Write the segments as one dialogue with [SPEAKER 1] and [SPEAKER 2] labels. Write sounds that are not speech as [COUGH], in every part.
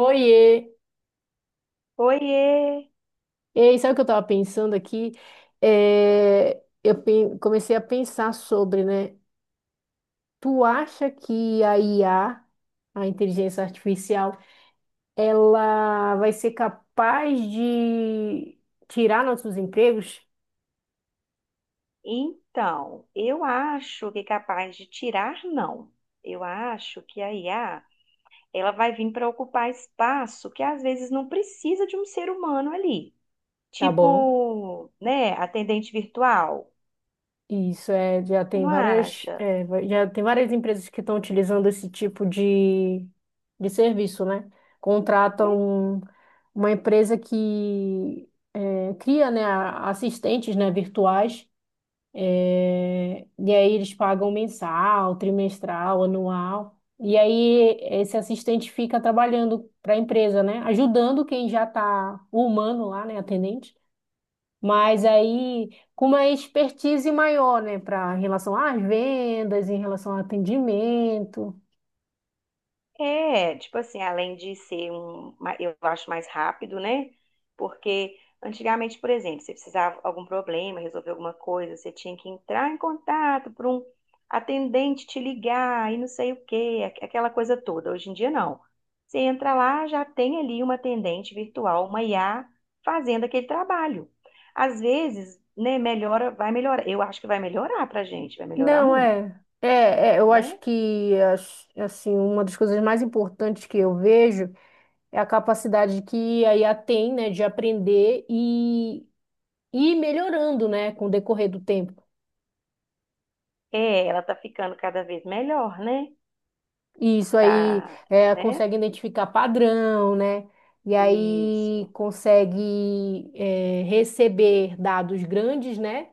[SPEAKER 1] Oiê!
[SPEAKER 2] Oiê!
[SPEAKER 1] Ei, sabe o que eu tava pensando aqui? É, comecei a pensar sobre, né? Tu acha que a IA, a inteligência artificial, ela vai ser capaz de tirar nossos empregos?
[SPEAKER 2] Então, eu acho que é capaz de tirar, não. Eu acho que a IA, ela vai vir para ocupar espaço que às vezes não precisa de um ser humano ali.
[SPEAKER 1] Tá bom.
[SPEAKER 2] Tipo, né, atendente virtual.
[SPEAKER 1] Isso é, já tem
[SPEAKER 2] Não
[SPEAKER 1] várias,
[SPEAKER 2] acha?
[SPEAKER 1] é, já tem várias empresas que estão utilizando esse tipo de serviço, né? Contratam uma empresa que cria, né, assistentes, né, virtuais, é, e aí eles pagam mensal, trimestral, anual, e aí esse assistente fica trabalhando para a empresa, né, ajudando quem já está humano lá, né, atendente, mas aí com uma expertise maior, né, para em relação às vendas, em relação ao atendimento.
[SPEAKER 2] É, tipo assim, além de ser um, eu acho mais rápido, né? Porque antigamente, por exemplo, você precisava de algum problema, resolver alguma coisa, você tinha que entrar em contato para um atendente te ligar e não sei o quê, aquela coisa toda. Hoje em dia não. Você entra lá, já tem ali uma atendente virtual, uma IA, fazendo aquele trabalho. Às vezes, né, melhora, vai melhorar. Eu acho que vai melhorar pra gente, vai melhorar
[SPEAKER 1] Não,
[SPEAKER 2] muito,
[SPEAKER 1] é. É, é, eu acho
[SPEAKER 2] né?
[SPEAKER 1] que assim, uma das coisas mais importantes que eu vejo é a capacidade que a IA tem, né, de aprender e ir melhorando, né, com o decorrer do tempo.
[SPEAKER 2] É, ela tá ficando cada vez melhor, né?
[SPEAKER 1] E isso aí
[SPEAKER 2] Tá,
[SPEAKER 1] é,
[SPEAKER 2] né?
[SPEAKER 1] consegue identificar padrão, né? E aí
[SPEAKER 2] Isso.
[SPEAKER 1] consegue é, receber dados grandes, né?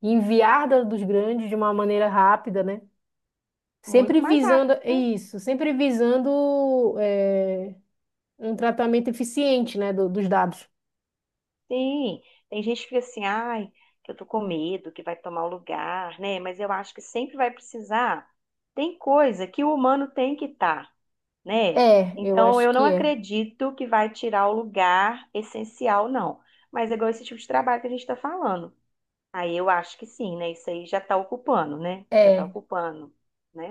[SPEAKER 1] Enviar dados grandes de uma maneira rápida, né? Sempre
[SPEAKER 2] Muito mais rápido,
[SPEAKER 1] visando é
[SPEAKER 2] né?
[SPEAKER 1] isso, sempre visando é, um tratamento eficiente, né, dos dados.
[SPEAKER 2] Sim. Tem gente que fica assim, ai, que eu tô com medo, que vai tomar o lugar, né? Mas eu acho que sempre vai precisar. Tem coisa que o humano tem que estar, né?
[SPEAKER 1] É, eu
[SPEAKER 2] Então,
[SPEAKER 1] acho
[SPEAKER 2] eu não
[SPEAKER 1] que é.
[SPEAKER 2] acredito que vai tirar o lugar essencial, não. Mas é igual esse tipo de trabalho que a gente está falando. Aí eu acho que sim, né? Isso aí já está ocupando, né? Já está
[SPEAKER 1] É.
[SPEAKER 2] ocupando,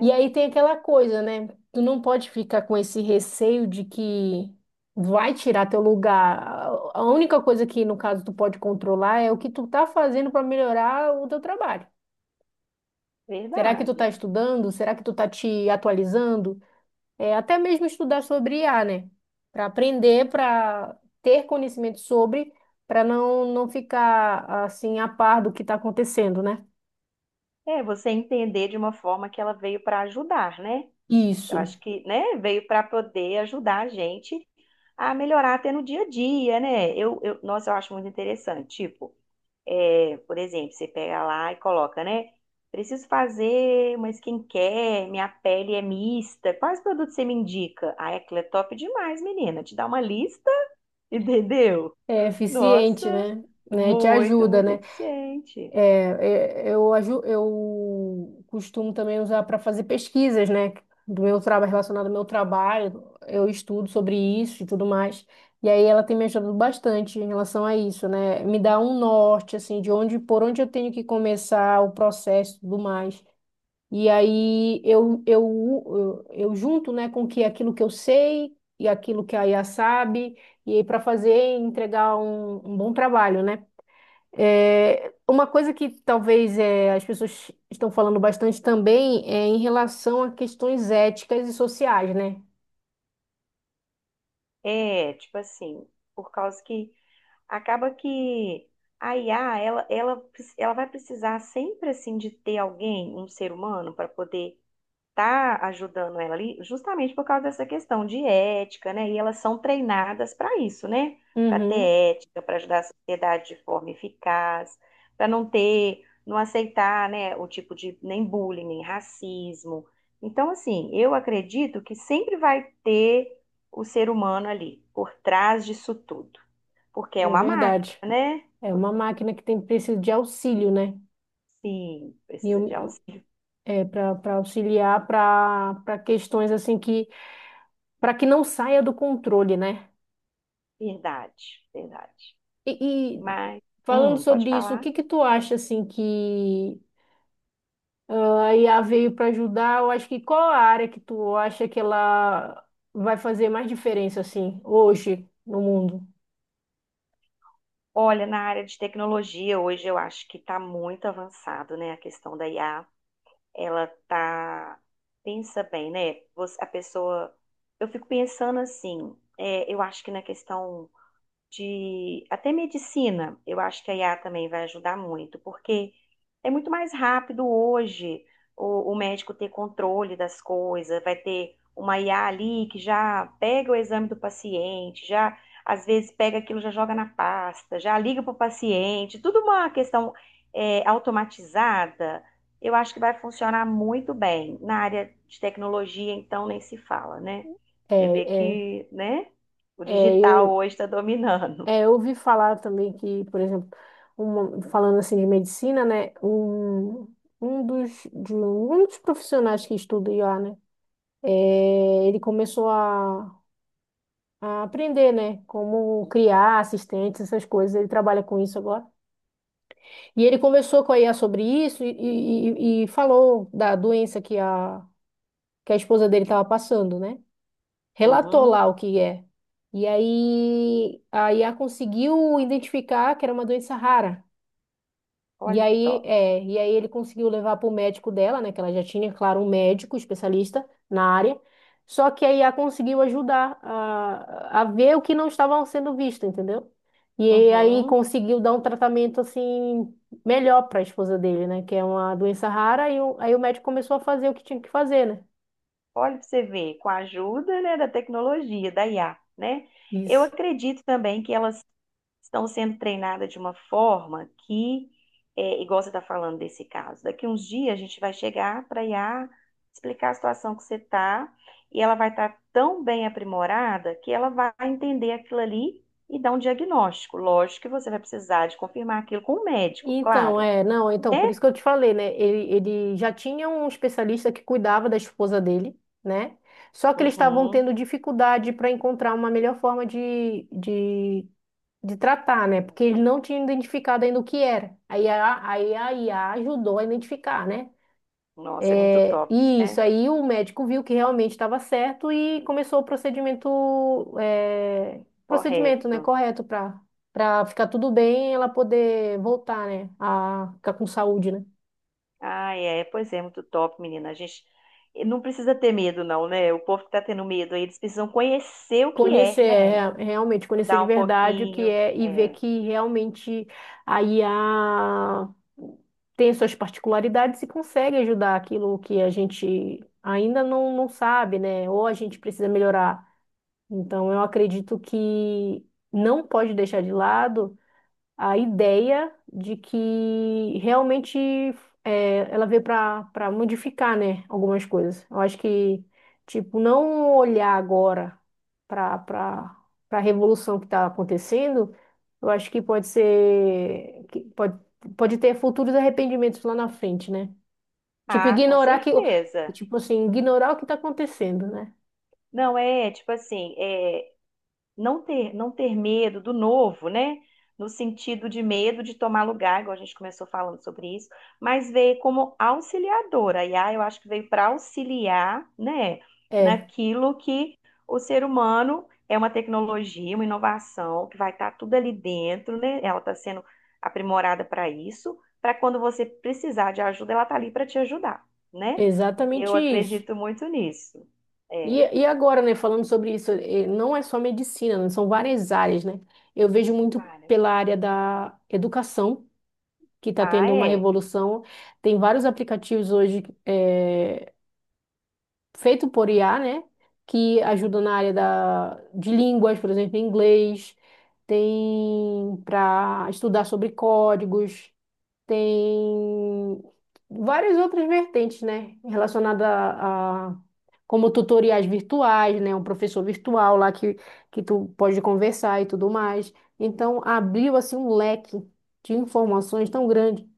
[SPEAKER 1] E aí tem aquela coisa, né? Tu não pode ficar com esse receio de que vai tirar teu lugar. A única coisa que, no caso, tu pode controlar é o que tu tá fazendo para melhorar o teu trabalho. Será que tu
[SPEAKER 2] Verdade.
[SPEAKER 1] tá estudando? Será que tu tá te atualizando? É, até mesmo estudar sobre IA, né? Para aprender, para ter conhecimento sobre, para não, não ficar assim a par do que tá acontecendo, né?
[SPEAKER 2] É, você entender de uma forma que ela veio para ajudar, né? Eu
[SPEAKER 1] Isso.
[SPEAKER 2] acho que, né, veio para poder ajudar a gente a melhorar até no dia a dia, né? Nossa, eu acho muito interessante. Tipo, por exemplo, você pega lá e coloca, né? Preciso fazer uma skincare, minha pele é mista. Quais produtos você me indica? Ah, é top demais, menina. Te dá uma lista, [LAUGHS] entendeu?
[SPEAKER 1] É eficiente,
[SPEAKER 2] Nossa,
[SPEAKER 1] né? Né? Te
[SPEAKER 2] muito,
[SPEAKER 1] ajuda,
[SPEAKER 2] muito
[SPEAKER 1] né?
[SPEAKER 2] eficiente.
[SPEAKER 1] É, eu costumo também usar para fazer pesquisas, né? Do meu trabalho, relacionado ao meu trabalho, eu estudo sobre isso e tudo mais. E aí ela tem me ajudado bastante em relação a isso, né? Me dá um norte, assim, de onde, por onde eu tenho que começar o processo e tudo mais. E aí eu junto, né, com que aquilo que eu sei e aquilo que a IA sabe, e aí para fazer e entregar um bom trabalho, né? É, uma coisa que talvez é, as pessoas estão falando bastante também é em relação a questões éticas e sociais, né?
[SPEAKER 2] É, tipo assim, por causa que acaba que a IA, ela vai precisar sempre, assim, de ter alguém, um ser humano, para poder estar ajudando ela ali, justamente por causa dessa questão de ética, né? E elas são treinadas para isso, né? Para ter
[SPEAKER 1] Uhum,
[SPEAKER 2] ética, para ajudar a sociedade de forma eficaz, para não ter, não aceitar, né, o tipo de nem bullying, nem racismo. Então, assim, eu acredito que sempre vai ter o ser humano ali, por trás disso tudo. Porque é
[SPEAKER 1] é
[SPEAKER 2] uma máquina,
[SPEAKER 1] verdade.
[SPEAKER 2] né?
[SPEAKER 1] É uma máquina que tem precisa de auxílio, né?
[SPEAKER 2] Sim,
[SPEAKER 1] E
[SPEAKER 2] precisa de auxílio.
[SPEAKER 1] é, para auxiliar para questões assim que para que não saia do controle, né?
[SPEAKER 2] Verdade, verdade.
[SPEAKER 1] E,
[SPEAKER 2] Mas,
[SPEAKER 1] falando
[SPEAKER 2] pode
[SPEAKER 1] sobre isso, o
[SPEAKER 2] falar?
[SPEAKER 1] que que tu acha assim que a IA veio para ajudar. Eu acho que qual a área que tu acha que ela vai fazer mais diferença assim hoje no mundo?
[SPEAKER 2] Olha, na área de tecnologia, hoje eu acho que está muito avançado, né? A questão da IA, ela tá. Pensa bem, né? Você- a pessoa. Eu fico pensando assim, é, eu acho que na questão de até medicina, eu acho que a IA também vai ajudar muito, porque é muito mais rápido hoje o médico ter controle das coisas, vai ter uma IA ali que já pega o exame do paciente, já às vezes pega aquilo, já joga na pasta, já liga para o paciente, tudo uma questão automatizada. Eu acho que vai funcionar muito bem. Na área de tecnologia, então, nem se fala, né?
[SPEAKER 1] É,
[SPEAKER 2] Você vê
[SPEAKER 1] é,
[SPEAKER 2] que, né? O
[SPEAKER 1] é,
[SPEAKER 2] digital
[SPEAKER 1] eu,
[SPEAKER 2] hoje está dominando.
[SPEAKER 1] eu ouvi falar também que, por exemplo, falando assim de medicina, né? Um dos, de um um dos profissionais que estuda IA, né? É, ele começou a aprender, né? Como criar assistentes, essas coisas. Ele trabalha com isso agora. E ele conversou com a IA sobre isso e falou da doença que a, esposa dele estava passando, né? Relatou
[SPEAKER 2] Uhum.
[SPEAKER 1] lá o que é. E aí a IA conseguiu identificar que era uma doença rara. E
[SPEAKER 2] Olha que
[SPEAKER 1] aí,
[SPEAKER 2] top.
[SPEAKER 1] é, e aí ele conseguiu levar para o médico dela, né? Que ela já tinha, claro, um médico especialista na área. Só que a IA conseguiu ajudar a ver o que não estava sendo visto, entendeu? E aí
[SPEAKER 2] Uhum.
[SPEAKER 1] conseguiu dar um tratamento assim melhor para a esposa dele, né? Que é uma doença rara. E aí o médico começou a fazer o que tinha que fazer, né?
[SPEAKER 2] Olha para você ver, com a ajuda, né, da tecnologia, da IA, né? Eu
[SPEAKER 1] Isso.
[SPEAKER 2] acredito também que elas estão sendo treinadas de uma forma que, é, igual você está falando desse caso, daqui uns dias a gente vai chegar para a IA explicar a situação que você está e ela vai estar tão bem aprimorada que ela vai entender aquilo ali e dar um diagnóstico. Lógico que você vai precisar de confirmar aquilo com o médico,
[SPEAKER 1] Então,
[SPEAKER 2] claro.
[SPEAKER 1] é, não, então,
[SPEAKER 2] Né?
[SPEAKER 1] por isso que eu te falei, né? Ele já tinha um especialista que cuidava da esposa dele, né? Só que eles estavam
[SPEAKER 2] Uhum.
[SPEAKER 1] tendo dificuldade para encontrar uma melhor forma de tratar, né? Porque eles não tinham identificado ainda o que era. Aí a IA ajudou a identificar, né?
[SPEAKER 2] Nossa, é muito
[SPEAKER 1] É,
[SPEAKER 2] top,
[SPEAKER 1] e isso
[SPEAKER 2] né?
[SPEAKER 1] aí o médico viu que realmente estava certo e começou o é, procedimento, né,
[SPEAKER 2] Correto.
[SPEAKER 1] correto para ficar tudo bem, e ela poder voltar, né, a ficar com saúde, né?
[SPEAKER 2] Ah, é, pois é, muito top, menina. A gente não precisa ter medo, não, né? O povo que tá tendo medo aí, eles precisam conhecer o que é,
[SPEAKER 1] Conhecer,
[SPEAKER 2] né?
[SPEAKER 1] é, realmente conhecer
[SPEAKER 2] Estudar
[SPEAKER 1] de
[SPEAKER 2] um
[SPEAKER 1] verdade o que
[SPEAKER 2] pouquinho.
[SPEAKER 1] é e ver
[SPEAKER 2] É.
[SPEAKER 1] que realmente a IA tem suas particularidades e consegue ajudar aquilo que a gente ainda não, não sabe, né? Ou a gente precisa melhorar. Então, eu acredito que não pode deixar de lado a ideia de que realmente ela veio para modificar, né, algumas coisas. Eu acho que, tipo, não olhar agora para para para a revolução que está acontecendo, eu acho que pode ser que pode ter futuros arrependimentos lá na frente, né? Tipo,
[SPEAKER 2] Ah, com
[SPEAKER 1] ignorar que,
[SPEAKER 2] certeza.
[SPEAKER 1] tipo assim, ignorar o que está acontecendo, né?
[SPEAKER 2] Não, é tipo assim, é, não ter medo do novo, né? No sentido de medo de tomar lugar, igual a gente começou falando sobre isso, mas veio como auxiliadora. A IA, eu acho que veio para auxiliar, né,
[SPEAKER 1] É,
[SPEAKER 2] naquilo que o ser humano é uma tecnologia, uma inovação, que vai estar tudo ali dentro, né? Ela está sendo aprimorada para isso, para quando você precisar de ajuda, ela está ali para te ajudar, né? Eu
[SPEAKER 1] exatamente isso.
[SPEAKER 2] acredito muito nisso.
[SPEAKER 1] E,
[SPEAKER 2] É,
[SPEAKER 1] e agora, né, falando sobre isso, não é só medicina, né, são várias áreas, né? Eu vejo muito
[SPEAKER 2] para.
[SPEAKER 1] pela área da educação, que está
[SPEAKER 2] Ah,
[SPEAKER 1] tendo uma
[SPEAKER 2] é.
[SPEAKER 1] revolução. Tem vários aplicativos hoje feito por IA, né? Que ajudam na área da, de línguas, por exemplo, inglês. Tem para estudar sobre códigos, tem várias outras vertentes, né? Relacionada como tutoriais virtuais, né? Um professor virtual lá que tu pode conversar e tudo mais. Então, abriu assim um leque de informações tão grande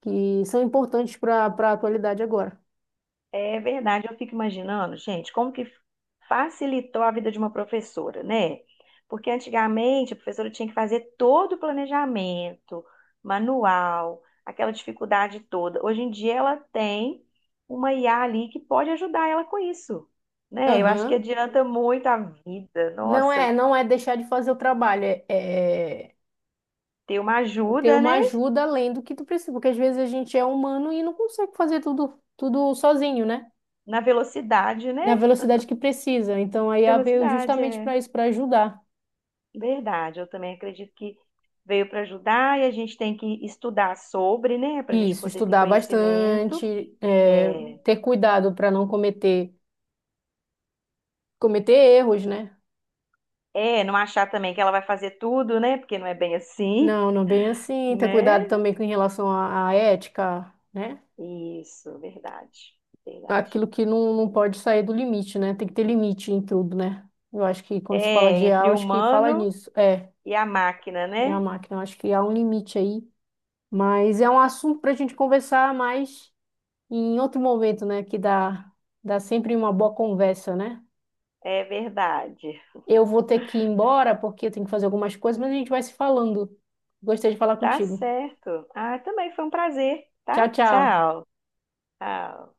[SPEAKER 1] que são importantes para a atualidade agora.
[SPEAKER 2] É verdade, eu fico imaginando, gente, como que facilitou a vida de uma professora, né? Porque antigamente a professora tinha que fazer todo o planejamento, manual, aquela dificuldade toda. Hoje em dia ela tem uma IA ali que pode ajudar ela com isso, né? Eu acho que
[SPEAKER 1] Aham.
[SPEAKER 2] adianta muito a vida.
[SPEAKER 1] Não
[SPEAKER 2] Nossa,
[SPEAKER 1] é, não é deixar de fazer o trabalho, é,
[SPEAKER 2] ter uma
[SPEAKER 1] ter
[SPEAKER 2] ajuda,
[SPEAKER 1] uma
[SPEAKER 2] né?
[SPEAKER 1] ajuda além do que tu precisa, porque às vezes a gente é humano e não consegue fazer tudo, tudo sozinho, né?
[SPEAKER 2] Na velocidade, né?
[SPEAKER 1] Na velocidade que precisa. Então a IA veio
[SPEAKER 2] Velocidade,
[SPEAKER 1] justamente
[SPEAKER 2] é.
[SPEAKER 1] para isso, para ajudar.
[SPEAKER 2] Verdade, eu também acredito que veio para ajudar e a gente tem que estudar sobre, né, para a gente
[SPEAKER 1] Isso,
[SPEAKER 2] poder ter
[SPEAKER 1] estudar
[SPEAKER 2] conhecimento.
[SPEAKER 1] bastante, é,
[SPEAKER 2] É,
[SPEAKER 1] ter cuidado para não cometer erros, né?
[SPEAKER 2] não achar também que ela vai fazer tudo, né, porque não é bem assim,
[SPEAKER 1] Não, não bem assim. Ter
[SPEAKER 2] né?
[SPEAKER 1] cuidado também com em relação à ética, né?
[SPEAKER 2] Isso, verdade, verdade.
[SPEAKER 1] Aquilo que não, não pode sair do limite, né? Tem que ter limite em tudo, né? Eu acho que quando se fala
[SPEAKER 2] É,
[SPEAKER 1] de IA,
[SPEAKER 2] entre
[SPEAKER 1] eu
[SPEAKER 2] o
[SPEAKER 1] acho que fala
[SPEAKER 2] humano
[SPEAKER 1] nisso. É,
[SPEAKER 2] e a máquina,
[SPEAKER 1] minha
[SPEAKER 2] né?
[SPEAKER 1] máquina, eu acho que há um limite aí. Mas é um assunto para a gente conversar mais e em outro momento, né, que dá sempre uma boa conversa, né?
[SPEAKER 2] É verdade.
[SPEAKER 1] Eu vou ter que ir embora porque eu tenho que fazer algumas coisas, mas a gente vai se falando. Gostei de falar
[SPEAKER 2] Tá
[SPEAKER 1] contigo.
[SPEAKER 2] certo. Ah, também foi um prazer, tá?
[SPEAKER 1] Tchau, tchau.
[SPEAKER 2] Tchau. Tchau.